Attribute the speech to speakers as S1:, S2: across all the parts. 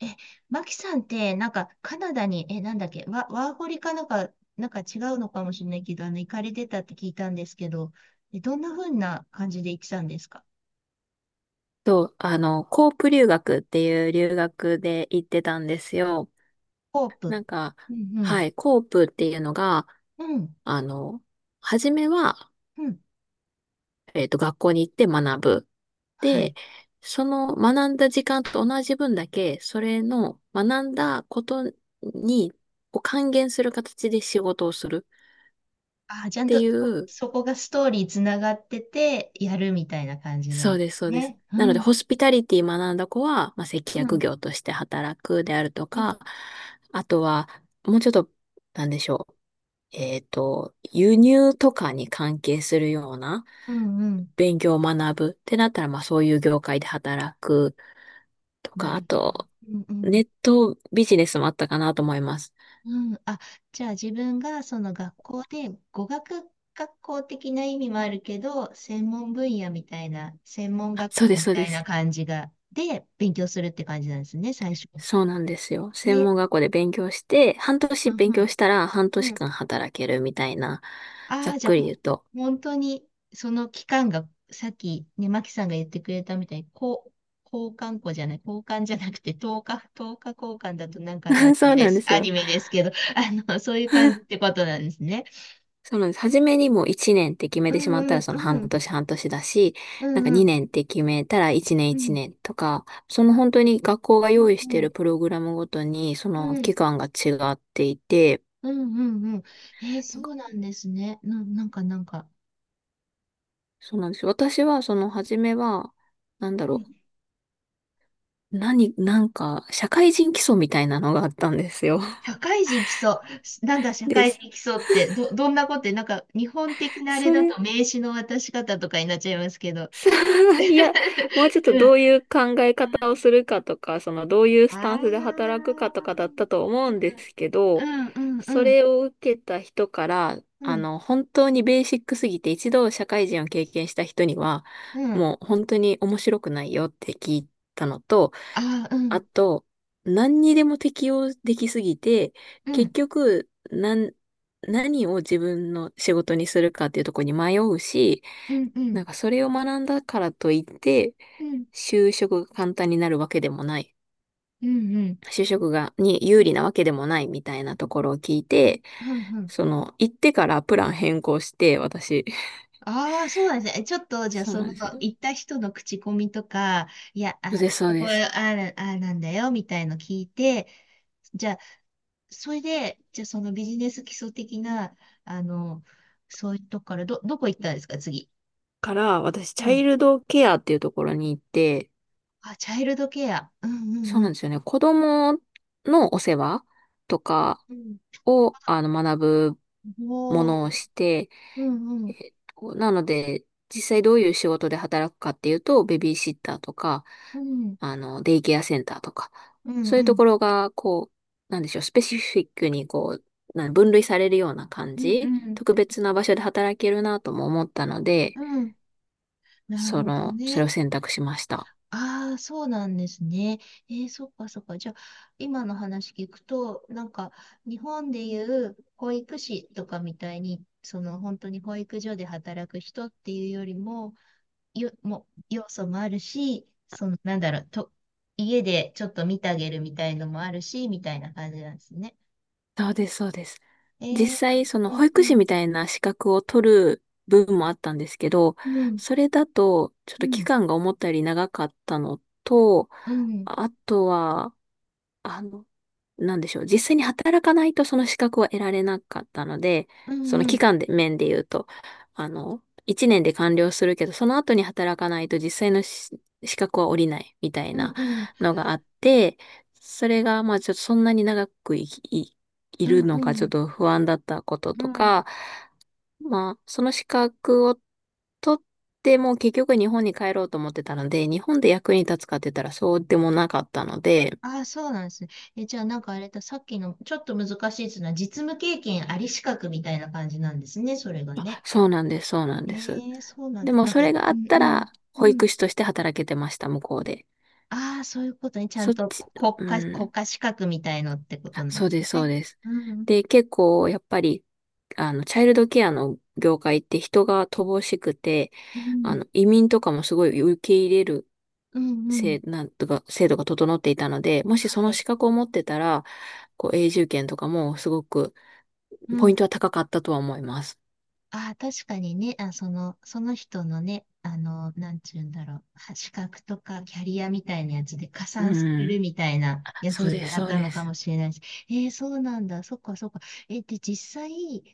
S1: え、マキさんって、カナダに、え、なんだっけ、ワ、ワーホリかなんか、なんか違うのかもしれないけど、行かれてたって聞いたんですけど、どんな風な感じで行ってたんですか？
S2: そう、あの、コープ留学っていう留学で行ってたんですよ。
S1: ホープ。
S2: なんか、
S1: うん、う
S2: は
S1: ん、
S2: い、コープっていうのが、
S1: うん、
S2: あの、初めは、
S1: うん。
S2: 学校に行って学ぶ。
S1: は
S2: で、
S1: い。
S2: その学んだ時間と同じ分だけ、それの学んだことに、を還元する形で仕事をする
S1: あー、ちゃ
S2: っ
S1: ん
S2: て
S1: と
S2: いう、
S1: そこがストーリーつながってて、やるみたいな感じな
S2: そ
S1: ん
S2: う
S1: で
S2: です、そ
S1: す
S2: うです。
S1: ね。
S2: なの
S1: う
S2: で、
S1: ん、
S2: ホスピタリティ学んだ子は、まあ、接
S1: う
S2: 客
S1: ん、
S2: 業として働くであると
S1: うん、
S2: か、あとは、もうちょっと、なんでしょう。輸入とかに関係するような
S1: うん、うん。
S2: 勉強を学ぶってなったら、まあ、そういう業界で働くと
S1: な
S2: か、
S1: るほ
S2: あ
S1: ど。
S2: と、
S1: うん、う
S2: ネ
S1: ん
S2: ットビジネスもあったかなと思います。
S1: うん、あ、じゃあ自分がその学校で語学学校的な意味もあるけど、専門分野みたいな、専門
S2: あ
S1: 学
S2: そうで
S1: 校
S2: す、
S1: み
S2: そう
S1: た
S2: で
S1: いな
S2: す。
S1: 感じが、で、勉強するって感じなんですね、最初。
S2: そうなんですよ。専
S1: で、
S2: 門学校で勉強して、半
S1: う
S2: 年
S1: ん
S2: 勉
S1: う
S2: 強
S1: ん、
S2: したら半
S1: う
S2: 年
S1: ん。
S2: 間働けるみたいな、
S1: あ
S2: ざっ
S1: あ、じゃ
S2: く
S1: あ、
S2: り言うと。
S1: 本当に、その期間が、さっきね、マキさんが言ってくれたみたいに、こう、交換校じゃない、交換じゃなくて、10日、1日交換だとなんかのアニ
S2: そ
S1: メ
S2: う
S1: で
S2: なんで
S1: す、
S2: す
S1: ア
S2: よ。
S1: ニメですけど、あの、そういう感じってことなんですね。
S2: そうなんです。初めにもう1年って決め
S1: う
S2: て
S1: ん
S2: しま
S1: う
S2: ったら
S1: ん
S2: その
S1: う
S2: 半
S1: ん。
S2: 年半年だし、
S1: う
S2: なんか
S1: んうん。
S2: 2年って決めたら1年
S1: う
S2: 1
S1: ん。
S2: 年とか、その本当に学校が
S1: う
S2: 用意して
S1: ん
S2: い
S1: う
S2: る
S1: ん。
S2: プログラムごとにその期
S1: う
S2: 間が違っていて、
S1: んうんうん。えー、
S2: な
S1: そ
S2: んか
S1: うなんですね。なんかなんか。
S2: そうなんですよ。私はその初めは、なんだ
S1: うん、
S2: ろう、なんか社会人基礎みたいなのがあったんですよ。
S1: 社会人来そう。なんだ、社
S2: で
S1: 会
S2: す。
S1: 人来そうって、どんなことって、なんか、日本的なあれ
S2: そ
S1: だ
S2: れ
S1: と名刺の渡し方とかになっちゃいますけど。
S2: いや、もうちょっとどういう考え
S1: うん。
S2: 方をするかとか、そのどういう
S1: あ
S2: スタンスで働くかと
S1: あ。
S2: かだったと思うんですけ
S1: う
S2: ど、
S1: んうん
S2: そ
S1: うん
S2: れを受けた人から、
S1: う
S2: あ
S1: ん。
S2: の、本当にベーシックすぎて一度社会人を経験した人には、
S1: うん。
S2: もう本当に面白くないよって聞いたのと、
S1: ああ、う
S2: あ
S1: ん。
S2: と、何にでも適用できすぎて、
S1: う
S2: 結
S1: ん。
S2: 局、何を自分の仕事にするかっていうところに迷うし、
S1: うんう
S2: なん
S1: ん。
S2: かそれを学んだからといって、
S1: うん
S2: 就職が簡単になるわけでもない。
S1: うんうん。
S2: 就職が、に
S1: う
S2: 有
S1: ん
S2: 利なわけでもないみたいなところを聞いて、
S1: うんうん。
S2: その、行ってからプラン変更して、私。
S1: ああ、そうなんですね。ちょっと、じゃあ、
S2: そう
S1: そ
S2: なん
S1: の、
S2: です。そ
S1: 行った人の口コミとか、いや、
S2: う
S1: あ、
S2: で
S1: あ
S2: す、そう
S1: そこ、
S2: で
S1: あ
S2: す。
S1: ある、ああなんだよ、みたいの聞いて、じゃあ、それで、じゃあ、そのビジネス基礎的な、あの、そういうとこから、どこ行ったんですか、次。
S2: から、私、
S1: う
S2: チャイ
S1: ん。
S2: ルドケアっていうところに行って、
S1: あ、チャイルドケア。うんうん
S2: そう
S1: うん。
S2: なんですよね。子供のお世話とか
S1: う
S2: を、あの、学ぶ
S1: ん。
S2: ものを
S1: おー。
S2: して、
S1: うんうん。
S2: なので、実際どういう仕事で働くかっていうと、ベビーシッターとか、
S1: うん。
S2: あの、デイケアセンターとか、
S1: うん
S2: そうい
S1: う
S2: うと
S1: ん。
S2: ころが、こう、なんでしょう、スペシフィックにこう、な分類されるような感
S1: うんう
S2: じ、
S1: ん。
S2: 特別な場所で働けるなとも思ったので、
S1: うん。なる
S2: そ
S1: ほど
S2: の、それを
S1: ね。
S2: 選択しました。
S1: ああ、そうなんですね。え、そうかそうか。じゃ今の話聞くとなんか日本でいう保育士とかみたいにその本当に保育所で働く人っていうよりも、よも要素もあるし、そのなんだろうと、家でちょっと見当てるみたいのもあるしみたいな感じなんですね。
S2: そうです、そうです。実
S1: え、う
S2: 際、その保
S1: んう
S2: 育士
S1: ん
S2: みたいな資格を取る部分もあったんですけど、
S1: うん
S2: それだと、ちょっ
S1: う
S2: と期
S1: ん
S2: 間が思ったより長かったのと、
S1: うん
S2: あとは、あの、なんでしょう。実際に働かないとその資格は得られなかったので、
S1: う
S2: その
S1: んう
S2: 期
S1: ん
S2: 間で、面で言うと、あの、1年で完了するけど、その後に働かないと実際の資格は下りないみたい
S1: うん
S2: な
S1: う
S2: のがあって、それが、まあちょっとそんなに長くい
S1: ん
S2: るのかちょっ
S1: う
S2: と不安だったこと
S1: んう
S2: と
S1: ん。
S2: か、まあ、その資格を取っても結局日本に帰ろうと思ってたので、日本で役に立つかって言ったらそうでもなかったので、
S1: ああ、そうなんですね。え、じゃあなんかあれだ、さっきのちょっと難しいっていうのは実務経験あり資格みたいな感じなんですね、それが
S2: あ
S1: ね。
S2: そうなんです、そうなんです。
S1: ええ、そうなん
S2: で
S1: だ。
S2: も
S1: なん
S2: そ
S1: か、
S2: れがあ
S1: う
S2: っ
S1: ん
S2: た
S1: うん、
S2: ら、
S1: う
S2: 保
S1: ん。
S2: 育士として働けてました、向こうで。
S1: ああ、そういうことね。ちゃん
S2: そっ
S1: と
S2: ち、
S1: 国家、
S2: う
S1: 国
S2: ん、
S1: 家資格みたいのってこと
S2: あ、
S1: なんで
S2: そう
S1: す
S2: です、そう
S1: ね。
S2: です。
S1: うん
S2: で、結構やっぱり、あの、チャイルドケアの業界って人が乏しくて、
S1: うん、う
S2: あ
S1: ん、
S2: の、移民とかもすごい受け入れる
S1: うん、うん。
S2: なんとか、制度が整っていたので、もしそ
S1: は
S2: の
S1: い。
S2: 資格を持ってたら、こう、永住権とかもすごく、
S1: う
S2: ポイン
S1: ん。
S2: トは高かったとは思います。
S1: ああ、確かにね、あ、その、その人のね、あの、なんちゅうんだろう、は資格とかキャリアみたいなやつで加算す
S2: う
S1: る
S2: ん。
S1: みたいなや
S2: そう
S1: つ
S2: です、
S1: だっ
S2: そう
S1: た
S2: で
S1: のか
S2: す。
S1: もしれないし、えー、そうなんだ、そっかそっか。えーで、実際、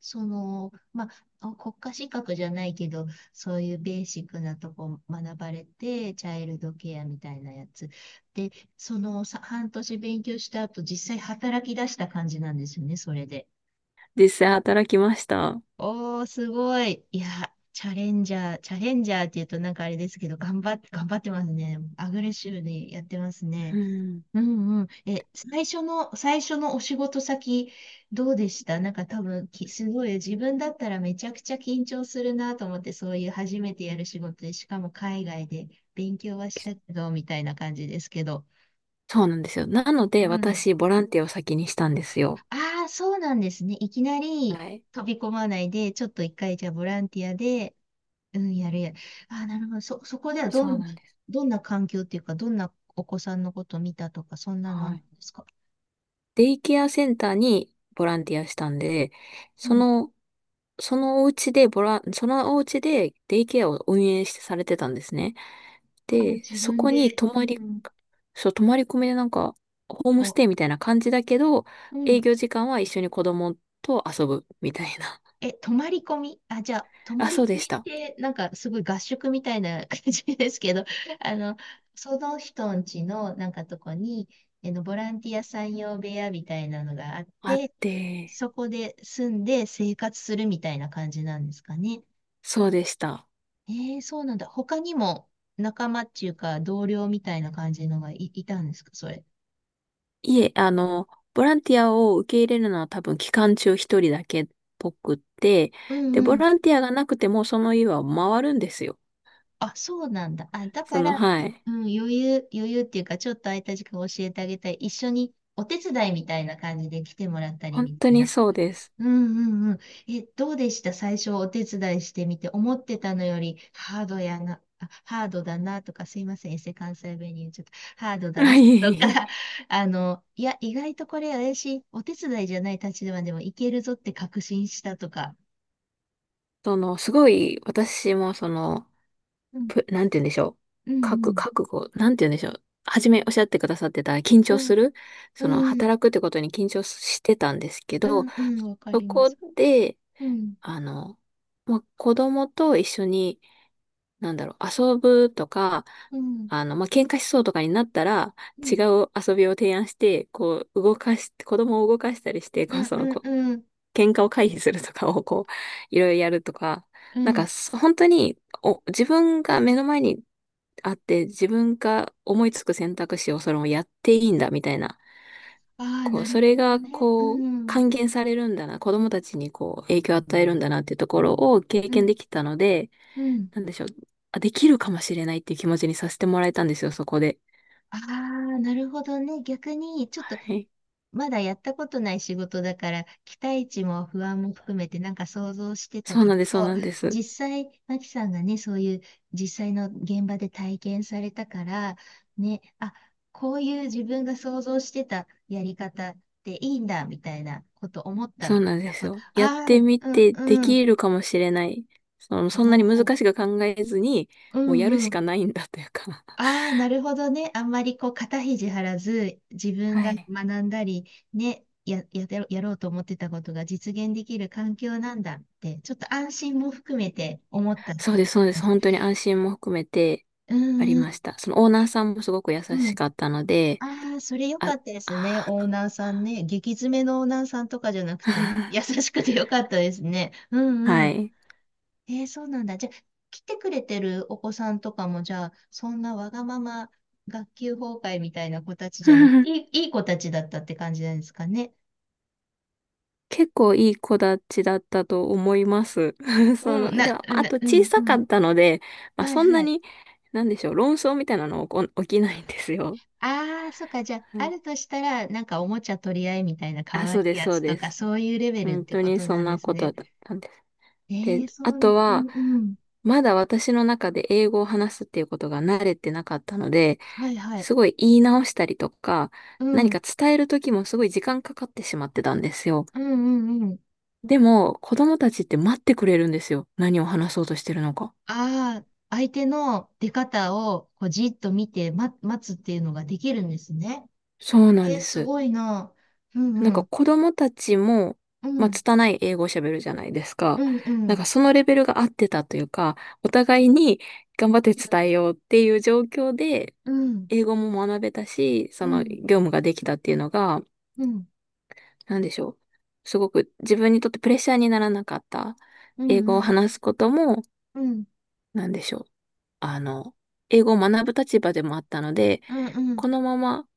S1: その、まあ、あ、国家資格じゃないけど、そういうベーシックなとこ学ばれて、チャイルドケアみたいなやつ。で、そのさ、半年勉強した後、実際働き出した感じなんですよね、それで。
S2: 実際働きました。
S1: おー、すごい。いや、チャレンジャーって言うとなんかあれですけど、頑張ってますね。アグレッシブにやってます
S2: う
S1: ね。
S2: ん。
S1: うんうん。え、最初のお仕事先、どうでした？なんか多分すごい、自分だったらめちゃくちゃ緊張するなと思って、そういう初めてやる仕事で、しかも海外で勉強はしたけど、みたいな感じですけど。
S2: そうなんですよ。なの
S1: う
S2: で、
S1: ん。
S2: 私、ボランティアを先にしたんですよ。
S1: ああ、そうなんですね。いきな
S2: は
S1: り
S2: い。
S1: 飛び込まないで、ちょっと一回じゃあボランティアで、うん、やるやる。あー、なるほど。そこではど
S2: そう
S1: ん、
S2: なんです。
S1: どんな環境っていうか、どんなお子さんのことを見たとか、そんなのあ
S2: は
S1: るん
S2: い。
S1: ですか？
S2: デイケアセンターにボランティアしたんで、
S1: う
S2: そ
S1: ん。
S2: の、そのお家でボラン、そのお家でデイケアを運営してされてたんですね。
S1: あ、
S2: で、
S1: 自
S2: そ
S1: 分
S2: こに
S1: で、
S2: 泊
S1: う
S2: まり、
S1: ん、
S2: そう、泊まり込みでなんか、ホームス
S1: と、
S2: テイみたいな感じだけど、
S1: うん。
S2: 営業時間は一緒に子供と遊ぶみたいな。
S1: え、泊まり込み、あ、じゃあ、泊
S2: あ、
S1: まり
S2: そう
S1: 込
S2: で
S1: み
S2: し
S1: っ
S2: た。
S1: て、なんかすごい合宿みたいな感じですけど、あの、その人んちのなんかとこに、あの、ボランティアさん用部屋みたいなのがあっ
S2: あっ
S1: て、
S2: て、
S1: そこで住んで生活するみたいな感じなんですかね。
S2: そうでした。
S1: ええ、そうなんだ。他にも仲間っていうか同僚みたいな感じのがいたんですか、それ。
S2: いえ、あの、ボランティアを受け入れるのは多分期間中一人だけっぽくって、
S1: う
S2: で、
S1: んう
S2: ボ
S1: ん。
S2: ランティアがなくてもその家は回るんですよ。
S1: あ、そうなんだ。あ、だ
S2: そ
S1: か
S2: の、
S1: ら、
S2: はい。
S1: うん、余裕っていうか、ちょっと空いた時間教えてあげたい。一緒にお手伝いみたいな感じで来てもらったり
S2: 本
S1: み
S2: 当
S1: たい
S2: に
S1: な。
S2: そうです。
S1: うんうんうん。え、どうでした最初お手伝いしてみて、思ってたのよりハードやな、あ、ハードだなとか、すいません、エセ関西弁に言っちゃった。ハード だな
S2: は
S1: とか、
S2: い。
S1: あの、いや、意外とこれ怪しい、お手伝いじゃない立場でもいけるぞって確信したとか。
S2: その、すごい、私もその、
S1: うん、
S2: なんて言うんでしょう。
S1: うん、
S2: 覚悟、なんて言うんでしょう。初めおっしゃってくださってた緊
S1: う
S2: 張
S1: ん、
S2: する、
S1: う
S2: その、
S1: ん、うん、
S2: 働くってことに緊張してたんですけ
S1: う
S2: ど、
S1: んうん、わか
S2: そ
S1: りま
S2: こ
S1: す。
S2: で、
S1: うん、
S2: あの、まあ、子供と一緒に、なんだろう、遊ぶとか、
S1: うん、
S2: あの、まあ、喧嘩しそうとかになったら、
S1: う
S2: 違
S1: ん、
S2: う遊びを提案して、こう、動かし、子供を動かしたりして、
S1: う
S2: こう、
S1: ん、
S2: そ
S1: う
S2: の、
S1: ん、
S2: こう、
S1: うん、
S2: 喧嘩を回避するとかを、こう、いろいろやるとか、
S1: う
S2: なんか、
S1: ん。
S2: 本当に、お、自分が目の前にあって、自分が思いつく選択肢をそれをやっていいんだ、みたいな、
S1: ああー、
S2: こう、
S1: なる
S2: それ
S1: ほど
S2: が、
S1: ね。う
S2: こう、
S1: ん、
S2: 還元されるんだな、子供たちに、こう、影響を与えるんだなっていうところを経
S1: う
S2: 験
S1: ん、
S2: できたので、
S1: うん。
S2: なんでしょう。あ、できるかもしれないっていう気持ちにさせてもらえたんですよ、そこで。
S1: ああ、なるほどね。逆に、ちょっと、
S2: はい。
S1: まだやったことない仕事だから、期待値も不安も含めてなんか想像してた
S2: そう
S1: け
S2: な
S1: ど、
S2: んです、そうなんです。
S1: 実際、マキさんがね、そういう実際の現場で体験されたから、ね、あ、こういう自分が想像してたやり方っていいんだ、みたいなこと思った
S2: そう
S1: みた
S2: なん
S1: い
S2: で
S1: な
S2: す
S1: こと。
S2: よ。やっ
S1: あ
S2: てみ
S1: あ、うん、
S2: てで
S1: うん。
S2: きるかもしれない。その、
S1: お
S2: そんなに難
S1: ー
S2: しく考えずに、
S1: う
S2: もうやる
S1: ん、う
S2: し
S1: ん。
S2: かないんだというか。
S1: ああ、なるほどね。あんまりこう肩肘張らず、自分
S2: は
S1: が
S2: い。
S1: 学んだり、ね、やろうと思ってたことが実現できる環境なんだって、ちょっと安心も含めて思ったっ
S2: そ
S1: て
S2: う
S1: こ
S2: で
S1: と
S2: す、そうで
S1: なんで
S2: す。
S1: す。
S2: 本当に安心も含めて
S1: う
S2: あ
S1: ん
S2: り
S1: うん、
S2: ました。そのオーナーさんもすごく優
S1: う
S2: し
S1: ん。
S2: かったので、
S1: ああ、それ良か
S2: あ、
S1: ったですね。
S2: あ
S1: オーナーさんね。激詰めのオーナーさんとかじゃなくて、優
S2: ー
S1: しくて良かったですね。う んう
S2: は
S1: ん。
S2: い。
S1: えー、そうなんだ。じゃあ、来てくれてるお子さんとかも、じゃあ、そんなわがまま学級崩壊みたいな子たちじゃなくて、いい子たちだったって感じなんですかね。
S2: 結構いい子たちだったと思います。そ
S1: うん、
S2: の、では、あと
S1: う
S2: 小
S1: ん、う
S2: さか
S1: ん。
S2: ったので、まあ、
S1: はい
S2: そんな
S1: はい。
S2: に、なんでしょう、論争みたいなの起きないんですよ。
S1: ああ、そっか。じゃあ、
S2: は
S1: あ
S2: い。
S1: るとしたら、なんかおもちゃ取り合いみたいな可
S2: あ、
S1: 愛
S2: そうで
S1: い
S2: す、
S1: や
S2: そう
S1: つと
S2: で
S1: か、
S2: す。
S1: そういうレベルっ
S2: 本
S1: て
S2: 当
S1: こ
S2: に
S1: と
S2: そ
S1: な
S2: ん
S1: んで
S2: な
S1: す
S2: こ
S1: ね。
S2: とだったんです。
S1: え
S2: で、
S1: ー、そ
S2: あ
S1: うな
S2: と
S1: んだ。うん、
S2: は、
S1: うん。
S2: まだ私の中で英語を話すっていうことが慣れてなかったので、
S1: はいはい。
S2: すごい言い直したりとか、
S1: う
S2: 何
S1: ん、
S2: か伝える時もすごい時間かかってしまってたんですよ。
S1: うん、うん、
S2: でも、子供たちって待ってくれるんですよ。何を話そうとしてるのか。
S1: ああ、相手の出方をこうじっと見て、待つっていうのができるんですね。
S2: そうなん
S1: えー、
S2: で
S1: す
S2: す。
S1: ごいな。う
S2: なん
S1: んう
S2: か
S1: ん。
S2: 子供たちも、
S1: う
S2: まあ、
S1: ん。
S2: 拙い英語を喋るじゃないですか。
S1: うんう
S2: なん
S1: ん。
S2: かそのレベルが合ってたというか、お互いに頑張って伝えようっていう状況で、
S1: うん。
S2: 英語も学べたし、そ
S1: う
S2: の
S1: ん。
S2: 業務ができたっていうのが、
S1: うん。
S2: なんでしょう。すごく自分にとってプレッシャーにならなかった。
S1: うん。
S2: 英語を
S1: うん。
S2: 話すことも、
S1: うん。
S2: なんでしょう。あの、英語を学ぶ立場でもあったので、
S1: うんうん。
S2: このまま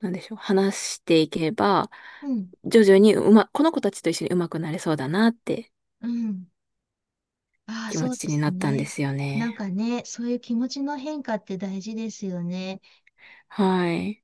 S2: なんでしょう、話していけば、
S1: うん。
S2: 徐々にこの子たちと一緒にうまくなれそうだなって
S1: うん。ああ、
S2: 気
S1: そ
S2: 持
S1: うで
S2: ちに
S1: す
S2: なったんで
S1: ね。
S2: すよ
S1: なん
S2: ね。
S1: かね、そういう気持ちの変化って大事ですよね。
S2: はい。